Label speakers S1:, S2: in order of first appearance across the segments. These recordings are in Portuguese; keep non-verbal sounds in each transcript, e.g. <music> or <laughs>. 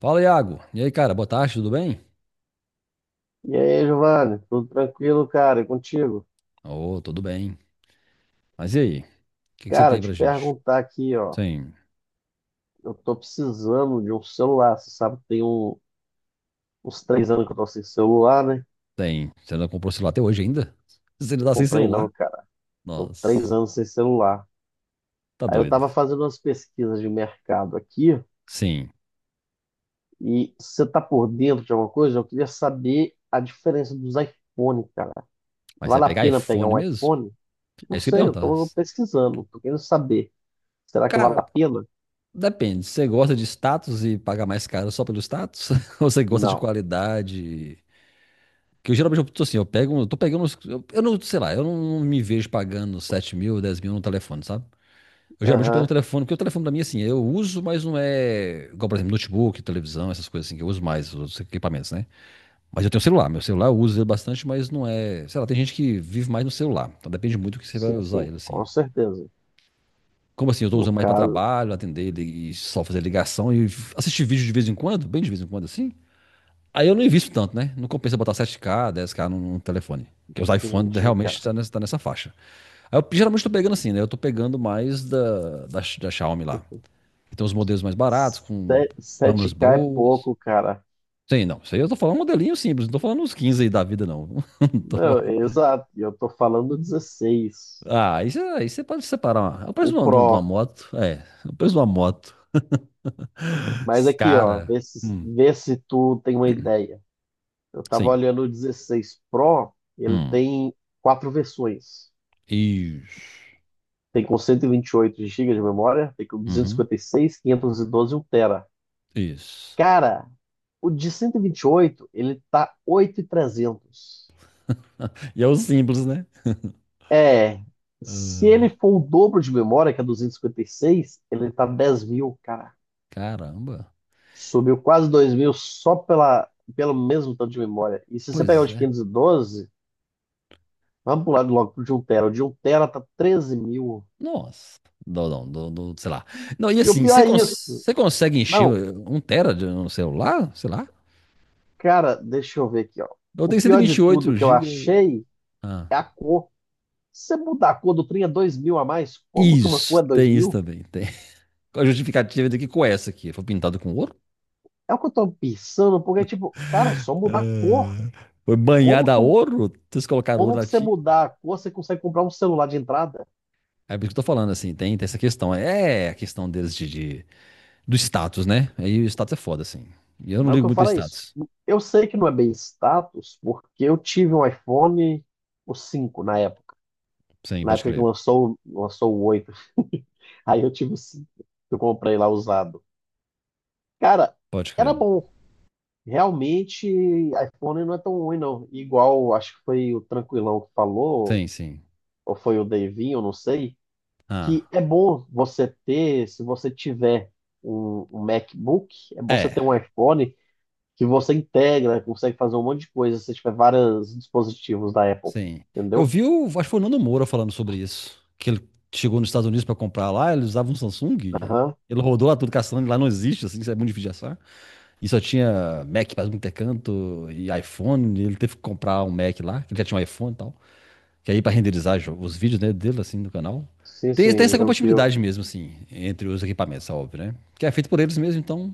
S1: Fala, Iago. E aí, cara, boa tarde, tudo bem?
S2: E aí, Giovanni, tudo tranquilo, cara? E contigo?
S1: Ô, tudo bem. Mas e aí? O que que você
S2: Cara,
S1: tem pra
S2: te
S1: gente?
S2: perguntar aqui, ó.
S1: Sim,
S2: Eu tô precisando de um celular. Você sabe, que tem uns 3 anos que eu tô sem celular, né?
S1: tem. Você não comprou celular até hoje ainda? <laughs> Você ainda tá sem
S2: Comprei
S1: celular?
S2: não, cara. Tô três
S1: Nossa,
S2: anos sem celular.
S1: tá
S2: Aí eu
S1: doido.
S2: tava fazendo umas pesquisas de mercado aqui
S1: Sim,
S2: e você tá por dentro de alguma coisa? Eu queria saber a diferença dos iPhone, cara.
S1: mas você vai
S2: Vale a
S1: pegar
S2: pena pegar
S1: iPhone
S2: um
S1: mesmo?
S2: iPhone?
S1: É
S2: Não
S1: isso que eu
S2: sei,
S1: ia
S2: eu
S1: perguntar.
S2: tô pesquisando, tô querendo saber. Será que vale a
S1: Cara,
S2: pena?
S1: depende. Você gosta de status e paga mais caro só pelo status? <laughs> Ou você gosta de
S2: Não.
S1: qualidade? Que eu geralmente eu tô assim, eu pego, eu tô pegando, eu não, sei lá, eu não, não me vejo pagando 7 mil, 10 mil no telefone, sabe? Eu geralmente eu pego o
S2: Aham.
S1: telefone, porque o telefone pra mim, assim, eu uso, mas não é. Igual, por exemplo, notebook, televisão, essas coisas assim, que eu uso mais, os outros equipamentos, né? Mas eu tenho celular, meu celular eu uso ele bastante, mas não é. Sei lá, tem gente que vive mais no celular, então depende muito do que você vai
S2: Sim,
S1: usar
S2: sim,
S1: ele, assim.
S2: com certeza.
S1: Como assim, eu tô
S2: No
S1: usando mais pra
S2: caso,
S1: trabalho, atender e só fazer ligação e assistir vídeo de vez em quando, bem de vez em quando, assim. Aí eu não invisto tanto, né? Não compensa botar 7K 10K num telefone. Porque os iPhones
S2: entendi, cara.
S1: realmente tá nessa faixa. Aí eu geralmente tô pegando assim, né? Eu tô pegando mais da Xiaomi lá. Tem os modelos mais baratos, com
S2: Se-
S1: câmeras
S2: 7K é
S1: boas.
S2: pouco, cara.
S1: Sim, não. Isso aí eu tô falando um modelinho simples, não tô falando uns 15 aí da vida, não. <laughs> Não tô
S2: Não,
S1: falando-
S2: exato. Eu tô falando 16.
S1: Ah, aí você pode separar. É o preço
S2: O
S1: de uma
S2: Pro.
S1: moto. É, é o preço de uma moto.
S2: Mas aqui, ó,
S1: Cara.
S2: vê se,
S1: Hum,
S2: vê se tu tem uma ideia. Eu tava
S1: sim.
S2: olhando o 16 Pro, ele
S1: Hum,
S2: tem quatro versões.
S1: isso.
S2: Tem com cento e vinte e oito gigas de memória, tem com duzentos e
S1: Uhum,
S2: cinquenta e seis, quinhentos e doze e um tera.
S1: isso.
S2: Cara, o de cento e vinte e oito, ele tá 8.300.
S1: <laughs> E é o simples, né?
S2: É, se
S1: Ah,
S2: ele for o dobro de memória, que é duzentos e cinquenta e seis, ele tá 10 mil, cara.
S1: caramba.
S2: Subiu quase 2 mil só pela, pelo mesmo tanto de memória. E se você pegar o
S1: Pois
S2: de
S1: é.
S2: 512, vamos pular logo pro de um tera. O de um tera tá 13 mil.
S1: Nossa. Não, não, não, não, sei lá. Não, e
S2: E o
S1: assim,
S2: pior
S1: você
S2: é isso.
S1: você consegue encher
S2: Não,
S1: um tera de um celular? Sei lá.
S2: cara, deixa eu ver aqui, ó.
S1: Eu
S2: O
S1: tenho
S2: pior de tudo
S1: 128
S2: que eu
S1: gigas.
S2: achei
S1: Ah.
S2: é a cor. Se você mudar a cor do trem é 2 mil a mais, como que uma cor
S1: Isso,
S2: é 2
S1: tem isso
S2: mil?
S1: também, tem. A justificativa daqui com essa aqui. Foi pintado com ouro?
S2: É o que eu tô pensando, porque, tipo, cara, é só mudar a cor.
S1: É, foi
S2: Como
S1: banhada a
S2: que um-
S1: ouro? Vocês colocaram ouro
S2: Como que
S1: na
S2: você
S1: ti?
S2: mudar a cor, você consegue comprar um celular de entrada?
S1: É por isso que eu tô falando, assim, tem, tem essa questão. É a questão deles de- do status, né? Aí o status é foda, assim. E eu não
S2: Mas é o
S1: ligo
S2: que eu
S1: muito pro
S2: falo é isso.
S1: status.
S2: Eu sei que não é bem status, porque eu tive um iPhone, o 5 na época.
S1: Sim,
S2: Na
S1: pode
S2: época que
S1: crer.
S2: lançou, lançou o 8. <laughs> Aí eu tive o 5. Eu comprei lá usado. Cara,
S1: Pode
S2: era
S1: crer.
S2: bom. Realmente, iPhone não é tão ruim, não. Igual, acho que foi o Tranquilão que falou,
S1: Sim, sim.
S2: ou foi o Davinho, eu não sei, que
S1: Ah,
S2: é bom você ter, se você tiver um MacBook, é bom você ter
S1: é.
S2: um iPhone, que você integra, consegue fazer um monte de coisa se tiver vários dispositivos da Apple,
S1: Sim. Eu
S2: entendeu?
S1: vi, o, acho que foi o Nando Moura falando sobre isso. Que ele chegou nos Estados Unidos para comprar lá, ele usava um Samsung. E
S2: Aham.
S1: ele rodou lá tudo caçando, lá não existe, assim, isso é muito difícil de achar. E só tinha Mac para muito canto e iPhone. E ele teve que comprar um Mac lá, que ele já tinha um iPhone e tal. Que aí para renderizar os vídeos, né, dele, assim, no canal.
S2: Sim,
S1: Tem, tem
S2: sim,
S1: essa
S2: eu vi.
S1: compatibilidade mesmo, assim, entre os equipamentos, é óbvio, né? Que é feito por eles mesmo, então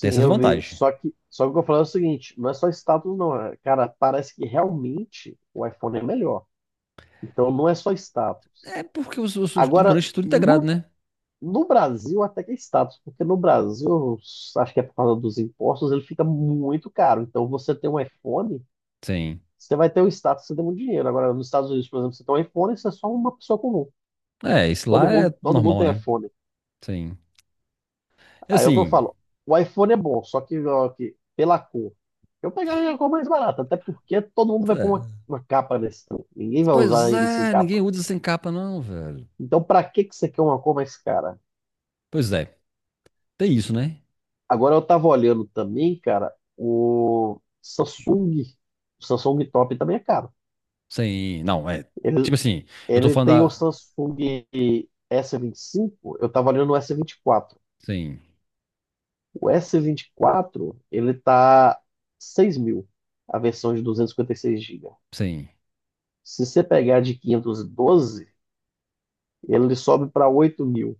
S1: tem essas
S2: eu vi.
S1: vantagens.
S2: Só que o que eu falo é o seguinte, não é só status, não. Cara, parece que realmente o iPhone é melhor. Então não é só status.
S1: É porque os
S2: Agora,
S1: componentes tudo integrado, né?
S2: no Brasil até que é status, porque no Brasil, acho que é por causa dos impostos, ele fica muito caro. Então você tem um iPhone,
S1: Sim.
S2: você vai ter o status, você tem muito dinheiro. Agora, nos Estados Unidos, por exemplo, você tem um iPhone, você é só uma pessoa comum.
S1: É, isso lá é
S2: Todo mundo
S1: normal,
S2: tem
S1: né?
S2: iPhone.
S1: Sim. É
S2: Aí é o que eu
S1: assim,
S2: falo. O iPhone é bom, só que, ó, que pela cor. Eu pegaria a cor mais barata, até porque todo mundo vai pôr uma,
S1: é.
S2: uma capa nesse trem. Ninguém vai usar
S1: Pois
S2: ele sem
S1: é, ninguém
S2: capa.
S1: usa sem capa, não, velho.
S2: Então, pra que que você quer uma cor mais cara?
S1: Pois é, tem isso, né?
S2: Agora eu tava olhando também, cara, o Samsung. O Samsung Top também é caro.
S1: Sem. Não, é.
S2: Ele,
S1: Tipo assim, eu tô
S2: ele
S1: falando
S2: tem o
S1: da.
S2: Samsung S25, eu tava olhando o S24.
S1: Sim,
S2: O S24, ele tá 6 mil, a versão de 256 GB.
S1: sim.
S2: Se você pegar de 512, ele sobe para 8 mil.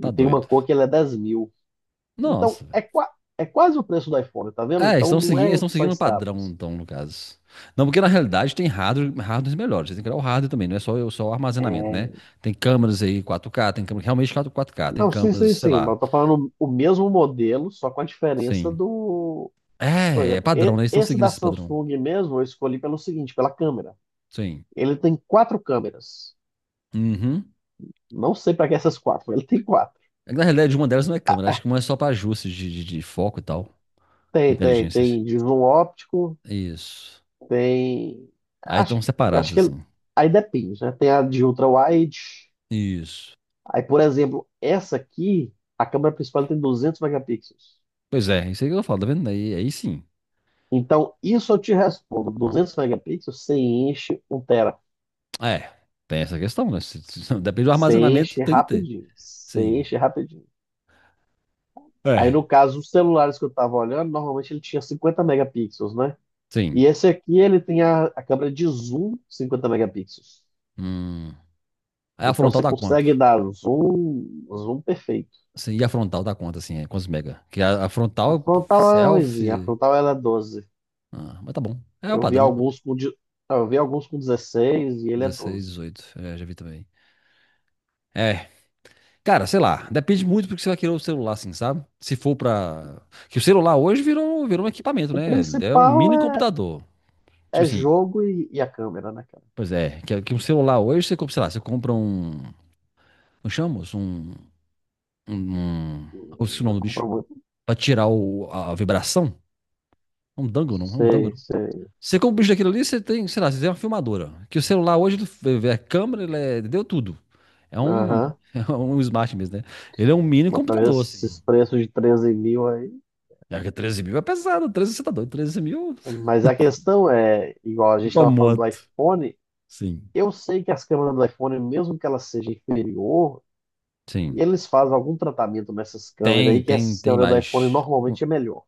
S1: Tá
S2: tem uma
S1: doido.
S2: cor que ele é 10 mil. Então,
S1: Nossa, velho.
S2: é quase o preço do iPhone, tá vendo?
S1: É,
S2: Então, não é
S1: eles estão
S2: só
S1: seguindo o padrão,
S2: status.
S1: então, no caso. Não, porque na realidade tem hardware, hardwares melhores. Você tem que olhar o hardware também, não é só o armazenamento, né? Tem câmeras aí 4K, tem câmeras realmente 4K, tem
S2: Não, sim,
S1: câmeras,
S2: sim,
S1: sei
S2: sim.
S1: lá.
S2: Mas eu tô falando o mesmo modelo, só com a diferença
S1: Sim.
S2: do. Por
S1: É, é
S2: exemplo,
S1: padrão, né? Eles estão
S2: esse
S1: seguindo
S2: da
S1: esse padrão.
S2: Samsung mesmo eu escolhi pelo seguinte, pela câmera.
S1: Sim.
S2: Ele tem quatro câmeras.
S1: Uhum.
S2: Não sei para que essas quatro, mas ele tem quatro.
S1: É que, na realidade, uma delas não é câmera. Acho que uma é só pra ajustes de, de foco e tal. Com
S2: Tem, tem,
S1: inteligências.
S2: tem de zoom óptico,
S1: Isso.
S2: tem.
S1: Aí
S2: Acho,
S1: estão separados,
S2: acho que
S1: assim.
S2: aí depende, né? Tem a de ultra-wide.
S1: Isso.
S2: Aí, por exemplo, essa aqui, a câmera principal tem 200 megapixels.
S1: Pois é, isso aí que eu falo, tá vendo? Aí, aí sim.
S2: Então, isso eu te respondo: 200 megapixels, você enche um tera.
S1: É, tem essa questão, né? <laughs> Depende do
S2: Você
S1: armazenamento,
S2: enche
S1: tem que ter.
S2: rapidinho. Você
S1: Sim.
S2: enche rapidinho. Aí, no
S1: É.
S2: caso, os celulares que eu estava olhando, normalmente ele tinha 50 megapixels, né?
S1: Sim.
S2: E esse aqui, ele tem a câmera de zoom 50 megapixels.
S1: Hum. Aí a
S2: Então
S1: frontal
S2: você
S1: dá quanto?
S2: consegue dar zoom perfeito.
S1: Sim, e a frontal dá quanto, assim? É, quantos mega? Que a
S2: A
S1: frontal,
S2: frontal é ruimzinha, a
S1: selfie.
S2: frontal ela é doze.
S1: Ah, mas tá bom. É o
S2: Eu vi
S1: padrão.
S2: alguns não, eu vi alguns com 16 e ele é
S1: 16,
S2: doze.
S1: dezoito, é, já vi também. É, cara, sei lá, depende muito do que você vai querer o celular, assim, sabe? Se for pra. Que o celular hoje virou, virou um equipamento,
S2: O
S1: né? É um
S2: principal
S1: mini
S2: é,
S1: computador. Tipo
S2: é
S1: assim,
S2: jogo e a câmera, né, cara?
S1: pois é, que um celular hoje você compra, sei lá, você compra um. Como chama? Moço? Um. Um. Esqueci o
S2: Não
S1: nome do bicho.
S2: compra muito.
S1: Pra tirar a vibração. É um dangle, não? É um dangle,
S2: Sei,
S1: não.
S2: sei.
S1: Você compra o bicho daquilo ali, você tem, sei lá, você tem uma filmadora. Que o celular hoje ele é câmera, ele é, deu tudo. É um. <laughs>
S2: Aham.
S1: É um smart mesmo, né? Ele é um mini
S2: Mas pra
S1: computador, assim.
S2: esses preços de 13 mil aí.
S1: É que 13 mil é pesado, 13 você tá doido, 13 mil
S2: Mas a questão é, igual a
S1: <laughs>
S2: gente
S1: pra
S2: estava falando do
S1: moto.
S2: iPhone,
S1: Sim,
S2: eu sei que as câmeras do iPhone, mesmo que ela seja inferior. E
S1: sim.
S2: eles fazem algum tratamento nessas câmeras
S1: Tem,
S2: aí, que
S1: tem,
S2: essas
S1: tem
S2: câmeras do iPhone
S1: mais.
S2: normalmente é melhor.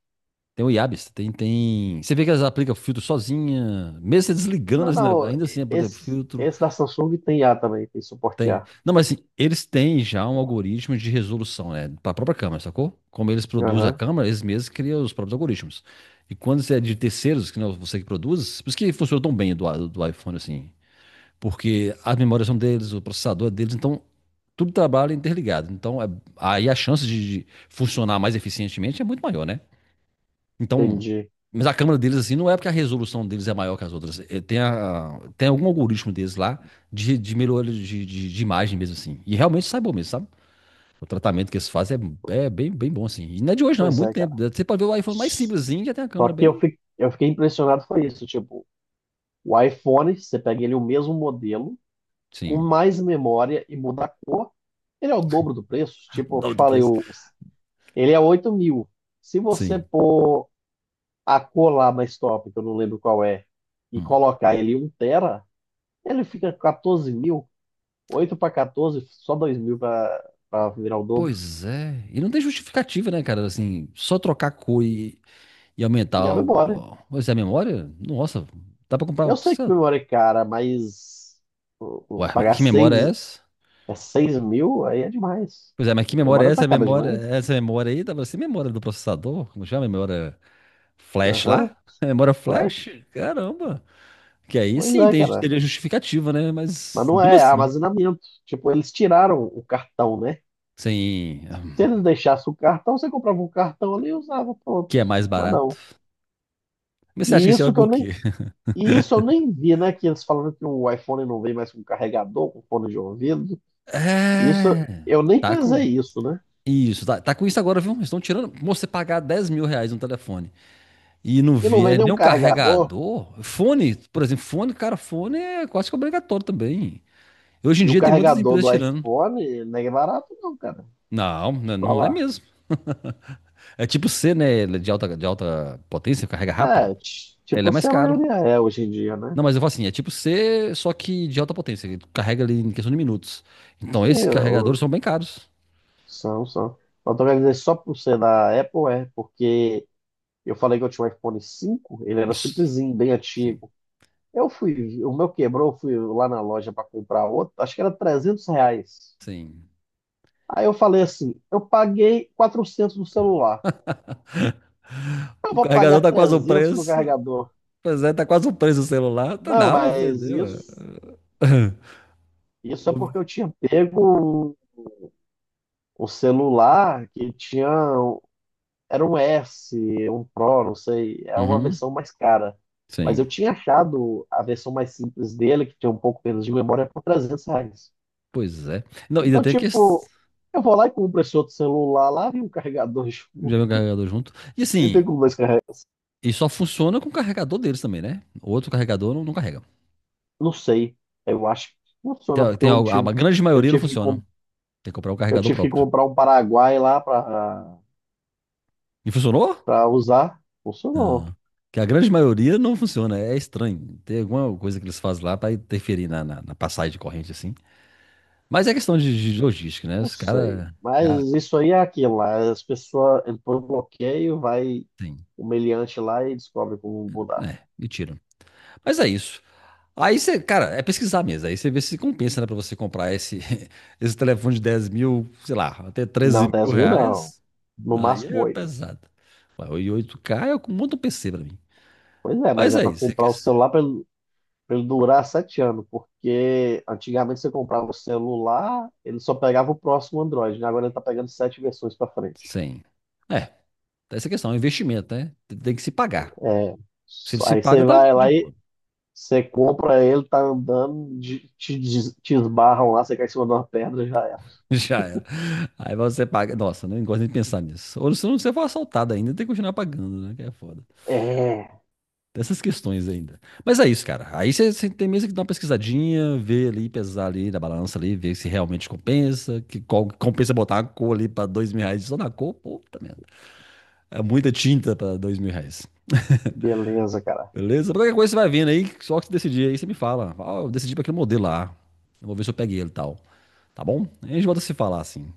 S1: Tem o Iabis, tem, tem. Você vê que elas aplicam filtro sozinha, mesmo você desligando,
S2: Não,
S1: assim, né,
S2: não,
S1: ainda assim, aplica
S2: esse,
S1: filtro,
S2: esse da Samsung tem A também, tem suporte
S1: tem.
S2: A.
S1: Não, mas assim, eles têm já um algoritmo de resolução, né, para a própria câmera, sacou? Como eles produzem a
S2: Aham,
S1: câmera, eles mesmos criam os próprios algoritmos. E quando você é de terceiros, que não é você que produz, por isso que funciona tão bem do iPhone, assim. Porque as memórias são deles, o processador é deles, então tudo trabalha interligado. Então, aí a chance de funcionar mais eficientemente é muito maior, né? Então,
S2: entendi.
S1: mas a câmera deles, assim, não é porque a resolução deles é maior que as outras. É, tem, tem algum algoritmo deles lá de melhoria de, de imagem mesmo, assim. E realmente sai bom mesmo, sabe? O tratamento que eles fazem é, é bem, bem bom, assim. E não é de hoje, não, é
S2: Pois
S1: muito
S2: é,
S1: tempo.
S2: cara.
S1: Você pode ver o iPhone mais simplesinho, já tem a
S2: Só
S1: câmera
S2: que eu,
S1: bem.
S2: eu fiquei impressionado foi isso, tipo, o iPhone, você pega ele o mesmo modelo, com
S1: Sim.
S2: mais memória e muda a cor, ele é o dobro do preço.
S1: O
S2: Tipo, eu te
S1: nome do
S2: falei,
S1: preço.
S2: o, ele é 8 mil. Se você
S1: Sim.
S2: pôr a cor lá mais top, que eu não lembro qual é, e
S1: Hum.
S2: colocar ele em 1 tera, ele fica com 14 mil, 8 para 14, só 2 mil para virar o dobro.
S1: Pois é. E não tem justificativa, né, cara? Assim, só trocar cor e
S2: E
S1: aumentar
S2: a memória.
S1: pois é, a memória? Nossa, dá pra comprar,
S2: Eu sei
S1: sei
S2: que
S1: lá.
S2: memória é cara, mas o
S1: Ué, mas
S2: pagar
S1: que memória
S2: 6
S1: é essa?
S2: é 6 mil aí é demais.
S1: Pois é, mas que
S2: A
S1: memória é
S2: memória tá
S1: essa?
S2: cara
S1: Memória,
S2: demais.
S1: essa memória aí? Dá pra ser memória do processador? Como chama? Memória flash
S2: Aham,
S1: lá? <laughs> Memória flash?
S2: flash.
S1: Caramba! Que aí
S2: Pois
S1: sim
S2: é,
S1: tem,
S2: cara.
S1: teria justificativa, né?
S2: Mas
S1: Mas
S2: não
S1: mesmo
S2: é, é
S1: assim,
S2: armazenamento. Tipo, eles tiraram o cartão, né? Se
S1: sem.
S2: eles deixassem o cartão, você comprava um cartão ali e usava, pronto.
S1: Que é mais
S2: Mas
S1: barato.
S2: não.
S1: Mas você acha que
S2: E
S1: esse é
S2: isso que eu
S1: por
S2: nem
S1: quê?
S2: E isso eu nem vi, né? Que eles falando que o iPhone não vem mais com carregador, com fone de ouvido. Isso
S1: É.
S2: eu nem
S1: Tá com.
S2: pensei isso, né?
S1: Isso, tá, tá com isso agora, viu? Estão tirando. Moço, você pagar 10 mil reais no telefone e não
S2: E não vem
S1: vier nem
S2: nenhum
S1: um
S2: carregador.
S1: carregador, fone, por exemplo, fone, cara, fone é quase que obrigatório também. Hoje em
S2: E o
S1: dia tem muitas
S2: carregador
S1: empresas
S2: do
S1: tirando.
S2: iPhone não é barato, não, cara.
S1: Não, né,
S2: Te
S1: não é
S2: falar.
S1: mesmo. É tipo C, né? Ele é de alta, de alta potência, carrega rápido.
S2: É,
S1: Ele é
S2: tipo, se
S1: mais
S2: a
S1: caro.
S2: maioria é hoje em dia, né?
S1: Não, mas eu falo assim, é tipo C, só que de alta potência. Ele carrega ali em questão de minutos. Então, esses
S2: Sim,
S1: carregadores são bem caros.
S2: são, são. Mas tô querendo dizer, só por ser da Apple, é, porque eu falei que eu tinha um iPhone cinco, ele era
S1: Isso.
S2: simplesinho, bem
S1: Sim,
S2: antigo. Eu fui, o meu quebrou, eu fui lá na loja para comprar outro, acho que era R$ 300.
S1: sim.
S2: Aí eu falei assim: eu paguei 400 no celular, eu
S1: O
S2: vou
S1: carregador
S2: pagar
S1: tá quase o
S2: 300 no
S1: preço.
S2: carregador.
S1: Pois é, tá quase o preço do celular. Tá,
S2: Não,
S1: não, vou
S2: mas
S1: vender, ué.
S2: isso,
S1: <laughs>
S2: isso é porque eu tinha pego o celular que tinha, um, era um S, um Pro, não sei, é uma
S1: Uhum,
S2: versão mais cara. Mas eu
S1: sim.
S2: tinha achado a versão mais simples dele, que tinha um pouco menos de memória, por R$ 300.
S1: Pois é. Não, ainda
S2: Então,
S1: tem que
S2: tipo, eu vou lá e compro esse outro celular lá e um carregador junto.
S1: já vem o carregador junto. E
S2: E
S1: assim,
S2: fico com dois.
S1: e só funciona com o carregador deles também, né? O outro carregador não, não carrega.
S2: Não sei. Eu acho que funciona,
S1: Tem,
S2: porque
S1: tem
S2: eu
S1: a
S2: tive,
S1: grande
S2: eu
S1: maioria não
S2: tive que,
S1: funciona.
S2: com-
S1: Tem que comprar um
S2: eu
S1: carregador
S2: tive que
S1: próprio.
S2: comprar um Paraguai lá para
S1: E funcionou?
S2: usar. Funcionou.
S1: Não. Que a grande maioria não funciona. É estranho. Tem alguma coisa que eles fazem lá pra interferir na, na, na passagem de corrente, assim. Mas é questão de logística, né?
S2: Não
S1: Os
S2: sei.
S1: caras
S2: Mas
S1: já
S2: isso aí é aquilo lá. As pessoas entram no bloqueio, vai
S1: tem.
S2: o meliante lá e descobre como mudar.
S1: É, e tiram. Mas é isso. Aí você, cara, é pesquisar mesmo. Aí você vê se compensa, né, pra você comprar esse, <laughs> esse telefone de 10 mil, sei lá, até
S2: Não,
S1: 13 mil
S2: dez mil não.
S1: reais.
S2: No
S1: Aí
S2: máximo
S1: é
S2: 8.
S1: pesado. Vai, o 8K é um monte de PC pra mim.
S2: Pois é, mas
S1: Mas
S2: é
S1: é
S2: para
S1: isso, você
S2: comprar
S1: quer-
S2: o celular para ele, pra ele durar 7 anos. Porque antigamente você comprava o celular, ele só pegava o próximo Android, né? Agora ele está pegando sete versões para frente.
S1: Sim. É, tem essa questão, é um investimento, né? Tem tem que se pagar. Se se
S2: Aí
S1: paga,
S2: você
S1: tá
S2: vai
S1: de
S2: lá e
S1: boa.
S2: você compra ele, tá andando, te esbarram lá, você cai em cima de uma pedra e já era.
S1: <laughs> Já era. Aí você paga. Nossa, não gosto nem de pensar nisso. Ou se não, você for assaltado ainda, tem que continuar pagando, né? Que é foda.
S2: É,
S1: Dessas questões ainda. Mas é isso, cara. Aí você você tem mesmo que dar uma pesquisadinha, ver ali, pesar ali na balança ali, ver se realmente compensa, que compensa botar uma cor ali pra 2 mil reais só na cor, puta merda. É muita tinta pra 2 mil reais.
S2: beleza, cara.
S1: Beleza? Qualquer coisa você vai vendo aí, só que você decidir aí, você me fala. Ah, eu decidi pra aquele modelo lá. Eu vou ver se eu peguei ele e tal. Tá bom? Aí a gente volta a se falar assim.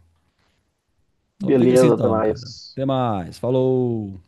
S1: Então fica assim
S2: Beleza, até
S1: então, cara.
S2: mais.
S1: Até mais. Falou!